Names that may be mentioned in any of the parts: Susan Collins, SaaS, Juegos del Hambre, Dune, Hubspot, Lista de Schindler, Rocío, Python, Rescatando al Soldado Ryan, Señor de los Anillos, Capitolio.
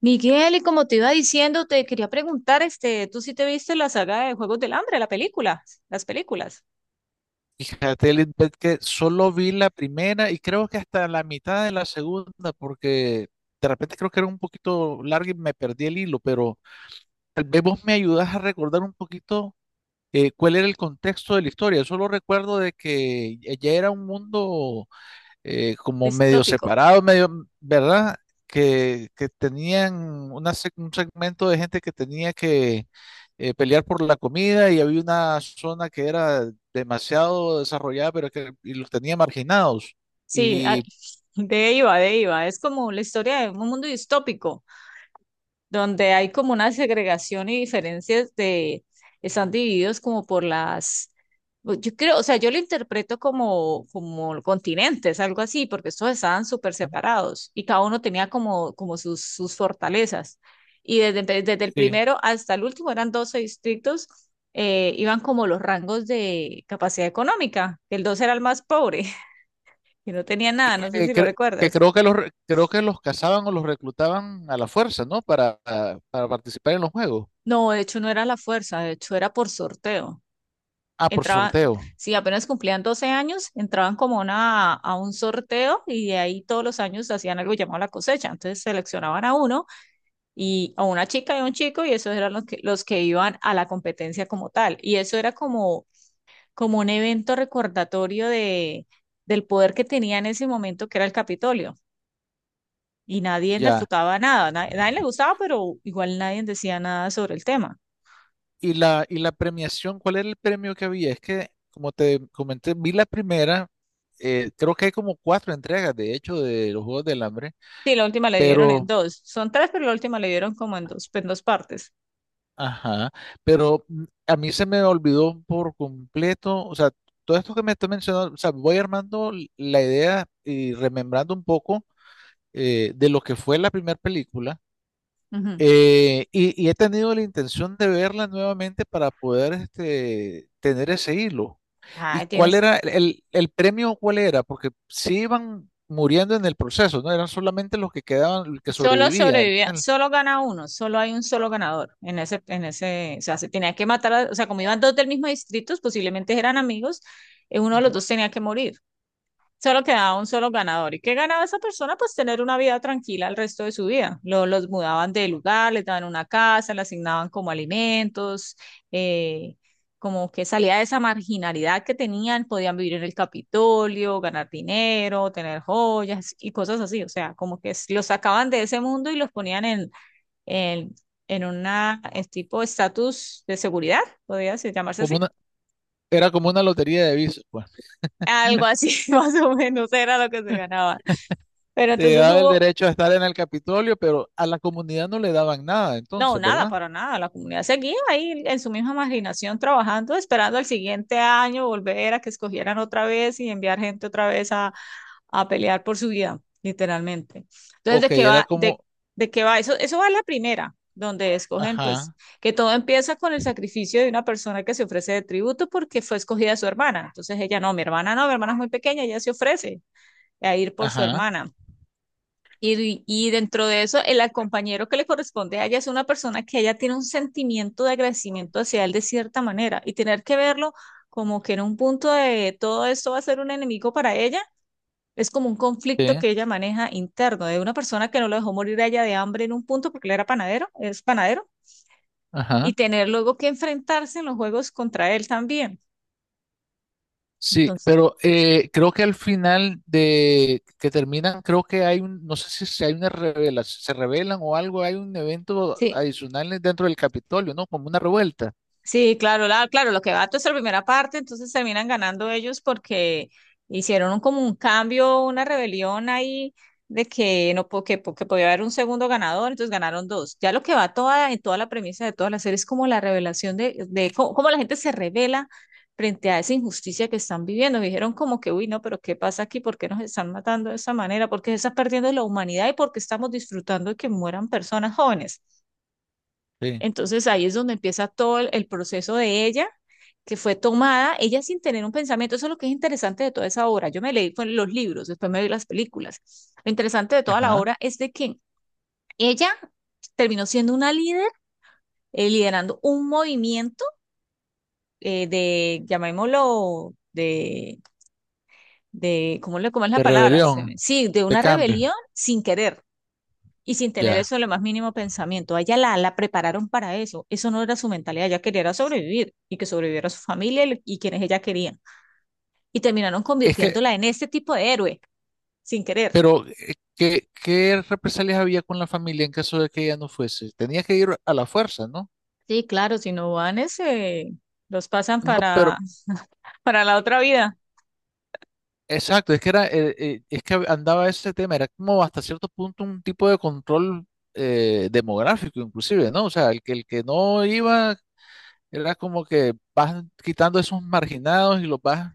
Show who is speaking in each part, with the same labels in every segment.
Speaker 1: Miguel, y como te iba diciendo, te quería preguntar, ¿tú sí te viste la saga de Juegos del Hambre, la película, las películas?
Speaker 2: Fíjate, Lisbeth, que solo vi la primera y creo que hasta la mitad de la segunda, porque de repente creo que era un poquito larga y me perdí el hilo, pero tal vez vos me ayudás a recordar un poquito cuál era el contexto de la historia. Solo recuerdo de que ya era un mundo como medio
Speaker 1: Distópico.
Speaker 2: separados, medio, ¿verdad? Que tenían una, un segmento de gente que tenía que pelear por la comida y había una zona que era demasiado desarrollada, pero que y los tenía marginados.
Speaker 1: Sí, ah,
Speaker 2: Y
Speaker 1: de iba. Es como la historia de un mundo distópico. Donde hay como una segregación y diferencias de, están divididos como por las, pues, yo creo, o sea, yo lo interpreto como, como continentes, algo así, porque estos estaban súper separados y cada uno tenía como, como sus, sus fortalezas. Y desde el
Speaker 2: sí.
Speaker 1: primero hasta el último eran 12 distritos, iban como los rangos de capacidad económica. El 2 era el más pobre, que no tenía
Speaker 2: Y
Speaker 1: nada, no sé
Speaker 2: que,
Speaker 1: si lo
Speaker 2: cre- que
Speaker 1: recuerdas.
Speaker 2: creo que creo que los cazaban o los reclutaban a la fuerza, ¿no? Para participar en los juegos.
Speaker 1: No, de hecho no era la fuerza, de hecho era por sorteo.
Speaker 2: Ah, por
Speaker 1: Entraban,
Speaker 2: sorteo.
Speaker 1: si apenas cumplían 12 años, entraban como una, a un sorteo y de ahí todos los años hacían algo llamado la cosecha. Entonces seleccionaban a uno y a una chica y a un chico y esos eran los que iban a la competencia como tal. Y eso era como, como un evento recordatorio de, del poder que tenía en ese momento que era el Capitolio. Y nadie
Speaker 2: Ya.
Speaker 1: refutaba nada, nadie, le gustaba, pero igual nadie decía nada sobre el tema.
Speaker 2: Y la premiación, ¿cuál era el premio que había? Es que, como te comenté, vi la primera, creo que hay como cuatro entregas, de hecho, de los Juegos del Hambre,
Speaker 1: Sí, la última le dieron en
Speaker 2: pero,
Speaker 1: dos. Son tres, pero la última le dieron como en dos partes.
Speaker 2: ajá, pero a mí se me olvidó por completo, o sea, todo esto que me está mencionando, o sea, voy armando la idea y remembrando un poco de lo que fue la primera película.
Speaker 1: Ujú.
Speaker 2: Y he tenido la intención de verla nuevamente para poder este, tener ese hilo. ¿Y
Speaker 1: Ah,
Speaker 2: cuál
Speaker 1: tienes,
Speaker 2: era el premio? ¿Cuál era? Porque sí iban muriendo en el proceso, ¿no? Eran solamente los que quedaban, los que
Speaker 1: solo
Speaker 2: sobrevivían al
Speaker 1: sobrevivía,
Speaker 2: final.
Speaker 1: solo gana uno, solo hay un solo ganador en ese, o sea, se tenía que matar, o sea, como iban dos del mismo distrito, posiblemente eran amigos, uno de los
Speaker 2: Ujú.
Speaker 1: dos tenía que morir. Solo quedaba un solo ganador. ¿Y qué ganaba esa persona? Pues tener una vida tranquila el resto de su vida. Los mudaban de lugar, les daban una casa, le asignaban como alimentos, eh, como que salía de esa marginalidad que tenían, podían vivir en el Capitolio, ganar dinero, tener joyas y cosas así. O sea, como que los sacaban de ese mundo y los ponían en, en una en tipo estatus de seguridad, podría llamarse así.
Speaker 2: Como una, era como una lotería de visas, pues.
Speaker 1: Algo así, más o menos, era lo que se ganaba. Pero
Speaker 2: Te
Speaker 1: entonces
Speaker 2: daba el
Speaker 1: hubo
Speaker 2: derecho a estar en el Capitolio, pero a la comunidad no le daban nada,
Speaker 1: no,
Speaker 2: entonces,
Speaker 1: nada,
Speaker 2: ¿verdad?
Speaker 1: para nada. La comunidad seguía ahí en su misma marginación trabajando, esperando al siguiente año volver a que escogieran otra vez y enviar gente otra vez a pelear por su vida, literalmente. Entonces,
Speaker 2: Ok,
Speaker 1: ¿de qué
Speaker 2: era
Speaker 1: va?
Speaker 2: como,
Speaker 1: De qué va? Eso va en la primera, donde escogen, pues,
Speaker 2: ajá,
Speaker 1: que todo empieza con el sacrificio de una persona que se ofrece de tributo porque fue escogida su hermana. Entonces ella, no, mi hermana no, mi hermana es muy pequeña, ella se ofrece a ir por su
Speaker 2: ajá,
Speaker 1: hermana. Y dentro de eso, el compañero que le corresponde a ella es una persona que ella tiene un sentimiento de agradecimiento hacia él de cierta manera y tener que verlo como que en un punto de todo esto va a ser un enemigo para ella, es como un conflicto
Speaker 2: sí,
Speaker 1: que ella maneja interno de una persona que no lo dejó morir a ella de hambre en un punto porque él era panadero, es panadero, y
Speaker 2: ajá.
Speaker 1: tener luego que enfrentarse en los juegos contra él también.
Speaker 2: Sí,
Speaker 1: Entonces,
Speaker 2: pero creo que al final de que terminan, creo que hay un, no sé si, si hay una revelación, se revelan o algo, hay un evento
Speaker 1: sí,
Speaker 2: adicional dentro del Capitolio, ¿no? Como una revuelta.
Speaker 1: sí, claro, claro, lo que va es la primera parte, entonces terminan ganando ellos porque hicieron como un cambio, una rebelión ahí de que no po- que, que podía haber un segundo ganador, entonces ganaron dos. Ya lo que va toda en toda la premisa de toda la serie es como la revelación de cómo, cómo la gente se revela frente a esa injusticia que están viviendo. Dijeron como que, uy, no, pero ¿qué pasa aquí? ¿Por qué nos están matando de esa manera? ¿Por qué se está perdiendo la humanidad y por qué estamos disfrutando de que mueran personas jóvenes?
Speaker 2: Sí.
Speaker 1: Entonces ahí es donde empieza todo el proceso de ella, que fue tomada, ella sin tener un pensamiento. Eso es lo que es interesante de toda esa obra. Yo me leí fue los libros, después me vi las películas. Lo interesante de toda la
Speaker 2: Ajá.
Speaker 1: obra es de que ella terminó siendo una líder, liderando un movimiento de, llamémoslo, de ¿cómo, le, ¿cómo es la
Speaker 2: De
Speaker 1: palabra?
Speaker 2: rebelión,
Speaker 1: Sí, de
Speaker 2: de
Speaker 1: una
Speaker 2: cambio,
Speaker 1: rebelión sin querer. Y sin tener
Speaker 2: ya.
Speaker 1: eso en lo más mínimo pensamiento. A ella la prepararon para eso. Eso no era su mentalidad. Ella quería era sobrevivir y que sobreviviera su familia y quienes ella quería. Y terminaron
Speaker 2: Es que,
Speaker 1: convirtiéndola en este tipo de héroe, sin querer.
Speaker 2: pero, qué represalias había con la familia en caso de que ella no fuese? Tenía que ir a la fuerza, ¿no?
Speaker 1: Sí, claro, si no van ese, los pasan
Speaker 2: No, pero,
Speaker 1: para, para la otra vida.
Speaker 2: exacto, es que era, es que andaba ese tema, era como hasta cierto punto un tipo de control demográfico, inclusive, ¿no? O sea, el que no iba era como que vas quitando esos marginados y los vas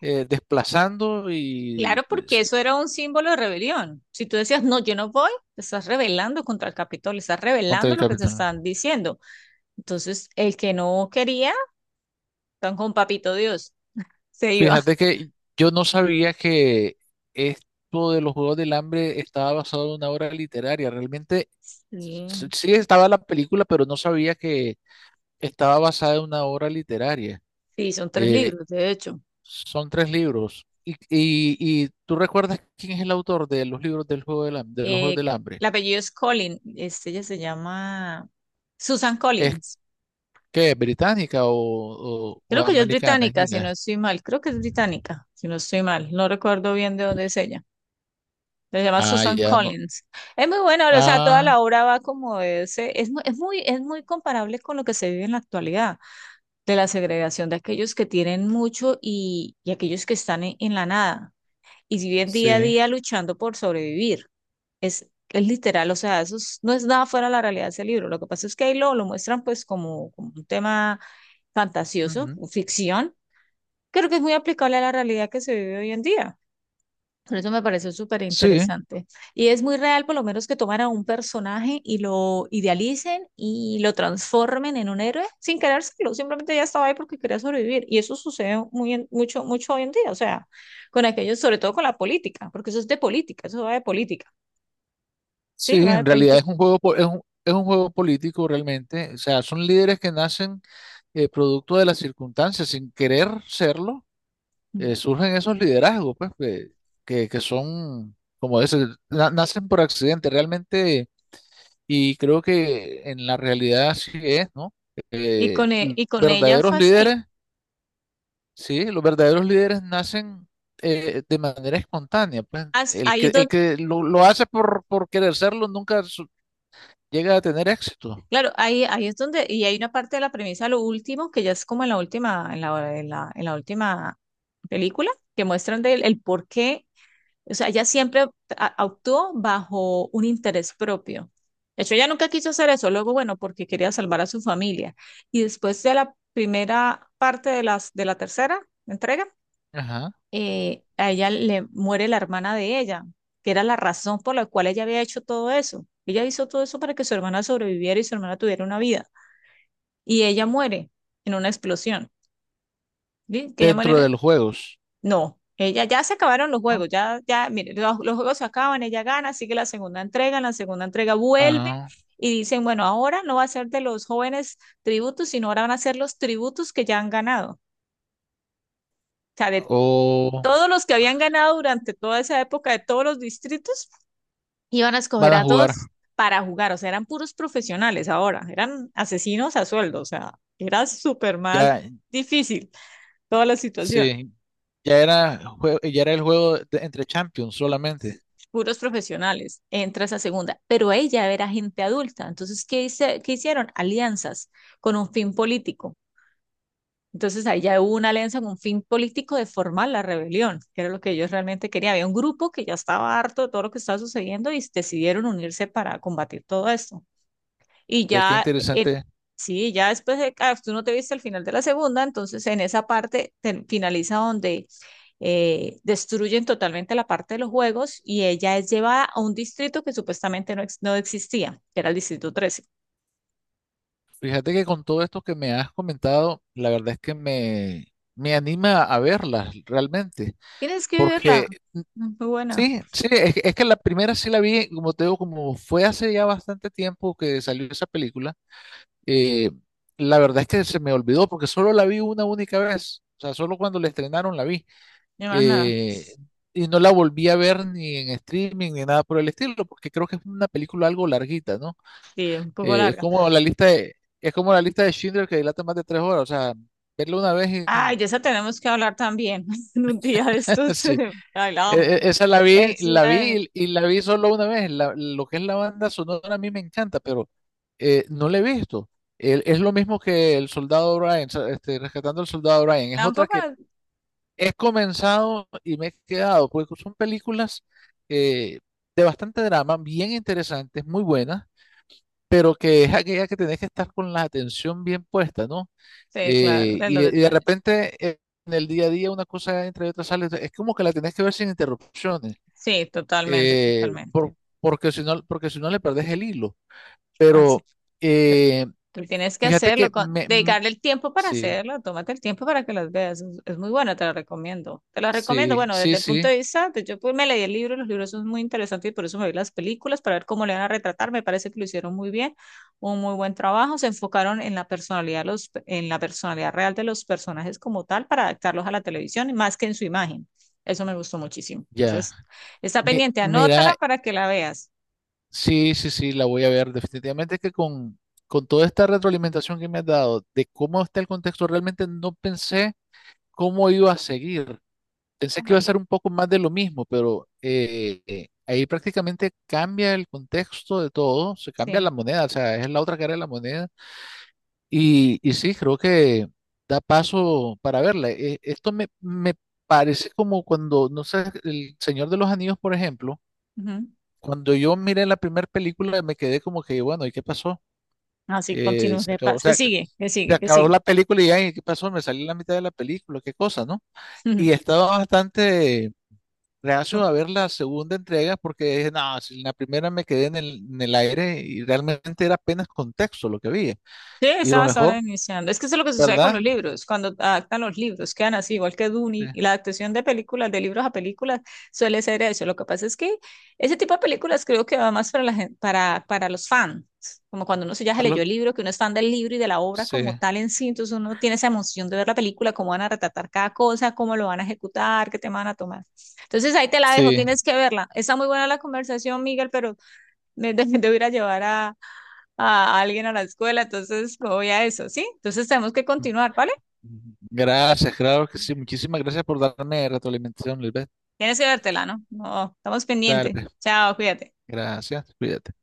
Speaker 2: desplazando
Speaker 1: Claro, porque eso era un símbolo de rebelión. Si tú decías, no, yo no voy, te estás rebelando contra el Capitolio, estás
Speaker 2: contra
Speaker 1: rebelando
Speaker 2: el
Speaker 1: lo que te
Speaker 2: capitán.
Speaker 1: están diciendo. Entonces, el que no quería, tan con papito Dios, se iba.
Speaker 2: Fíjate que yo no sabía que esto de los Juegos del Hambre estaba basado en una obra literaria. Realmente
Speaker 1: Sí,
Speaker 2: sí estaba la película, pero no sabía que estaba basada en una obra literaria.
Speaker 1: sí, son tres
Speaker 2: Eh,
Speaker 1: libros, de hecho.
Speaker 2: Son tres libros. Y tú recuerdas quién es el autor de los libros del juego de los Juegos
Speaker 1: Eh,
Speaker 2: del Hambre.
Speaker 1: el apellido es Collins, ella se llama Susan
Speaker 2: ¿Es
Speaker 1: Collins.
Speaker 2: que británica o
Speaker 1: Creo que ella es
Speaker 2: americana? Es
Speaker 1: británica, si no
Speaker 2: gringa.
Speaker 1: estoy mal. Creo que es británica, si no estoy mal. No recuerdo bien de dónde es ella. Se llama
Speaker 2: Ah,
Speaker 1: Susan
Speaker 2: ya no.
Speaker 1: Collins. Es muy buena, o sea, toda la
Speaker 2: Ah,
Speaker 1: obra va como de ese, es, es muy comparable con lo que se vive en la actualidad, de la segregación de aquellos que tienen mucho y aquellos que están en la nada. Y si viven día a
Speaker 2: sí.
Speaker 1: día luchando por sobrevivir. Es literal, o sea, no es nada fuera de la realidad de ese libro. Lo que pasa es que ahí lo muestran pues como, como un tema fantasioso,
Speaker 2: Ujú.
Speaker 1: ficción, creo que es muy aplicable a la realidad que se vive hoy en día. Por eso me pareció súper
Speaker 2: Sí,
Speaker 1: interesante. Y es muy real, por lo menos, que tomaran un personaje y lo idealicen y lo transformen en un héroe sin querérselo. Simplemente ya estaba ahí porque quería sobrevivir. Y eso sucede muy mucho, mucho hoy en día. O sea, con aquellos, sobre todo con la política, porque eso es de política, eso va de política. Sí,
Speaker 2: sí,
Speaker 1: va de
Speaker 2: en realidad es
Speaker 1: política.
Speaker 2: un juego, es un juego político realmente. O sea, son líderes que nacen producto de las circunstancias, sin querer serlo,
Speaker 1: Mm.
Speaker 2: surgen esos liderazgos, pues, que son, como ese, nacen por accidente. Realmente y creo que en la realidad así es, ¿no?
Speaker 1: Y con,
Speaker 2: Los
Speaker 1: y con ella
Speaker 2: verdaderos
Speaker 1: fue así.
Speaker 2: líderes, sí, los verdaderos líderes nacen de manera espontánea. Pues
Speaker 1: Hasta ahí es
Speaker 2: el que lo hace por querer serlo nunca llega a tener éxito.
Speaker 1: claro, ahí, ahí es donde, y hay una parte de la premisa, lo último, que ya es como en la última, en la, en la, en la última película, que muestran del el por qué, o sea, ella siempre actuó bajo un interés propio. De hecho, ella nunca quiso hacer eso, luego, bueno, porque quería salvar a su familia. Y después de la primera parte de las, de la tercera entrega,
Speaker 2: Ajá.
Speaker 1: a ella le muere la hermana de ella, que era la razón por la cual ella había hecho todo eso. Ella hizo todo eso para que su hermana sobreviviera y su hermana tuviera una vida y ella muere en una explosión. ¿Sí? Que ella muere en...
Speaker 2: Dentro de los juegos,
Speaker 1: no, ella ya se acabaron los
Speaker 2: ¿no?
Speaker 1: juegos, ya, ya, mire, los juegos se acaban, ella gana, sigue la segunda entrega, en la segunda entrega vuelve
Speaker 2: Ah,
Speaker 1: y dicen, bueno, ahora no va a ser de los jóvenes tributos, sino ahora van a ser los tributos que ya han ganado. O sea, de
Speaker 2: o
Speaker 1: todos los que habían ganado durante toda esa época, de todos los distritos, iban a escoger
Speaker 2: van a
Speaker 1: a
Speaker 2: jugar.
Speaker 1: dos para jugar, o sea, eran puros profesionales ahora, eran asesinos a sueldo, o sea, era súper más
Speaker 2: Ya,
Speaker 1: difícil toda la situación.
Speaker 2: sí, ya era, ya era el juego entre champions solamente.
Speaker 1: Puros profesionales, entra esa segunda, pero ella era gente adulta. Entonces, ¿qué, hice, qué hicieron? Alianzas con un fin político. Entonces, ahí ya hubo una alianza con un fin político de formar la rebelión, que era lo que ellos realmente querían. Había un grupo que ya estaba harto de todo lo que estaba sucediendo y decidieron unirse para combatir todo esto. Y
Speaker 2: Ve qué
Speaker 1: ya,
Speaker 2: interesante.
Speaker 1: sí, ya después de, ah, tú no te viste el final de la segunda, entonces en esa parte finaliza donde destruyen totalmente la parte de los juegos y ella es llevada a un distrito que supuestamente no, no existía, que era el distrito 13.
Speaker 2: Fíjate que con todo esto que me has comentado, la verdad es que me anima a verlas realmente,
Speaker 1: Tienes que verla,
Speaker 2: porque
Speaker 1: mm, muy buena,
Speaker 2: sí, sí, es que la primera sí la vi, como te digo, como fue hace ya bastante tiempo que salió esa película, eh, la verdad es que se me olvidó porque solo la vi una única vez, o sea, solo cuando la estrenaron la vi,
Speaker 1: no más nada.
Speaker 2: eh, y no la volví a ver ni en streaming ni nada por el estilo, porque creo que es una película algo larguita, ¿no?
Speaker 1: Sí, un poco
Speaker 2: Es
Speaker 1: larga.
Speaker 2: como es como la lista de Schindler que dilata más de 3 horas. O sea, verlo una vez
Speaker 1: Ay,
Speaker 2: y
Speaker 1: de esa tenemos que hablar también en un día de estos.
Speaker 2: sí.
Speaker 1: Ay, la
Speaker 2: E-
Speaker 1: amo.
Speaker 2: Esa la vi,
Speaker 1: Es
Speaker 2: la
Speaker 1: una de mis...
Speaker 2: vi y, y la vi solo una vez. Lo que es la banda sonora a mí me encanta, pero no la he visto. Es lo mismo que El Soldado Ryan, o sea, este, Rescatando al Soldado Ryan. Es otra
Speaker 1: Tampoco,
Speaker 2: que he comenzado y me he quedado, porque son películas eh, de bastante drama, bien interesantes, muy buenas, pero que es aquella que tenés que estar con la atención bien puesta, ¿no?
Speaker 1: sí, claro,
Speaker 2: Eh,
Speaker 1: de los
Speaker 2: y, y de
Speaker 1: detalles.
Speaker 2: repente en el día a día una cosa entre otras sale, es como que la tenés que ver sin interrupciones,
Speaker 1: Sí, totalmente,
Speaker 2: eh,
Speaker 1: totalmente.
Speaker 2: por- porque si no le perdés el hilo.
Speaker 1: Así.
Speaker 2: Pero
Speaker 1: Pero
Speaker 2: eh,
Speaker 1: tú tienes que
Speaker 2: fíjate
Speaker 1: hacerlo,
Speaker 2: que
Speaker 1: dedicarle el tiempo para
Speaker 2: sí,
Speaker 1: hacerlo, tómate el tiempo para que las veas. Es muy bueno, te lo recomiendo. Te lo recomiendo,
Speaker 2: sí,
Speaker 1: bueno,
Speaker 2: sí,
Speaker 1: desde el punto
Speaker 2: sí,
Speaker 1: de vista, yo pues me leí el libro, los libros son muy interesantes y por eso me vi las películas para ver cómo le van a retratar. Me parece que lo hicieron muy bien, un muy buen trabajo. Se enfocaron en la personalidad, en la personalidad real de los personajes como tal para adaptarlos a la televisión y más que en su imagen. Eso me gustó muchísimo.
Speaker 2: ya.
Speaker 1: Entonces, está pendiente, anótala
Speaker 2: Mira,
Speaker 1: para que la veas.
Speaker 2: sí, sí, sí, la voy a ver. Definitivamente que con toda esta retroalimentación que me has dado de cómo está el contexto, realmente no pensé cómo iba a seguir. Pensé que iba
Speaker 1: Ano-
Speaker 2: a ser un poco más de lo mismo, pero ahí prácticamente cambia el contexto de todo, se cambia
Speaker 1: sí.
Speaker 2: la moneda, o sea, es la otra cara de la moneda. Y sí, creo que da paso para verla. Esto me parece como cuando, no sé, El Señor de los Anillos, por ejemplo, cuando yo miré la primera película me quedé como que, bueno, ¿y qué pasó?
Speaker 1: Así continuos
Speaker 2: Se
Speaker 1: de
Speaker 2: acabó, o
Speaker 1: paz. ¿Qué
Speaker 2: sea,
Speaker 1: sigue? ¿Qué
Speaker 2: se
Speaker 1: sigue? ¿Qué
Speaker 2: acabó la
Speaker 1: sigue?
Speaker 2: película y ya, ¿y qué pasó? Me salí en la mitad de la película, qué cosa, ¿no? Y estaba bastante
Speaker 1: Su-
Speaker 2: reacio a ver la segunda entrega porque dije, no, si en la primera me quedé en en el aire y realmente era apenas contexto lo que había.
Speaker 1: sí,
Speaker 2: Y lo
Speaker 1: estabas
Speaker 2: mejor,
Speaker 1: ahora iniciando. Es que eso es lo que sucede con los
Speaker 2: ¿verdad?
Speaker 1: libros. Cuando adaptan los libros, quedan así, igual que
Speaker 2: Sí,
Speaker 1: Dune, y la adaptación de películas, de libros a películas, suele ser eso. Lo que pasa es que ese tipo de películas creo que va más para, para los fans. Como cuando uno se ya se
Speaker 2: a
Speaker 1: leyó
Speaker 2: lo-
Speaker 1: el libro, que uno es fan del libro y de la obra
Speaker 2: sí.
Speaker 1: como tal en sí, entonces uno tiene esa emoción de ver la película, cómo van a retratar cada cosa, cómo lo van a ejecutar, qué tema van a tomar. Entonces ahí te la dejo,
Speaker 2: Sí.
Speaker 1: tienes que verla. Está muy buena la conversación, Miguel, pero de, de ir a llevar a alguien a la escuela, entonces me voy a eso, ¿sí? Entonces tenemos que continuar, ¿vale?
Speaker 2: Gracias, claro que sí. Muchísimas gracias por darme retroalimentación, Lisbeth.
Speaker 1: Tienes que vértela, ¿no? No, estamos
Speaker 2: Dale,
Speaker 1: pendientes.
Speaker 2: pues.
Speaker 1: Chao, cuídate.
Speaker 2: Gracias. Cuídate.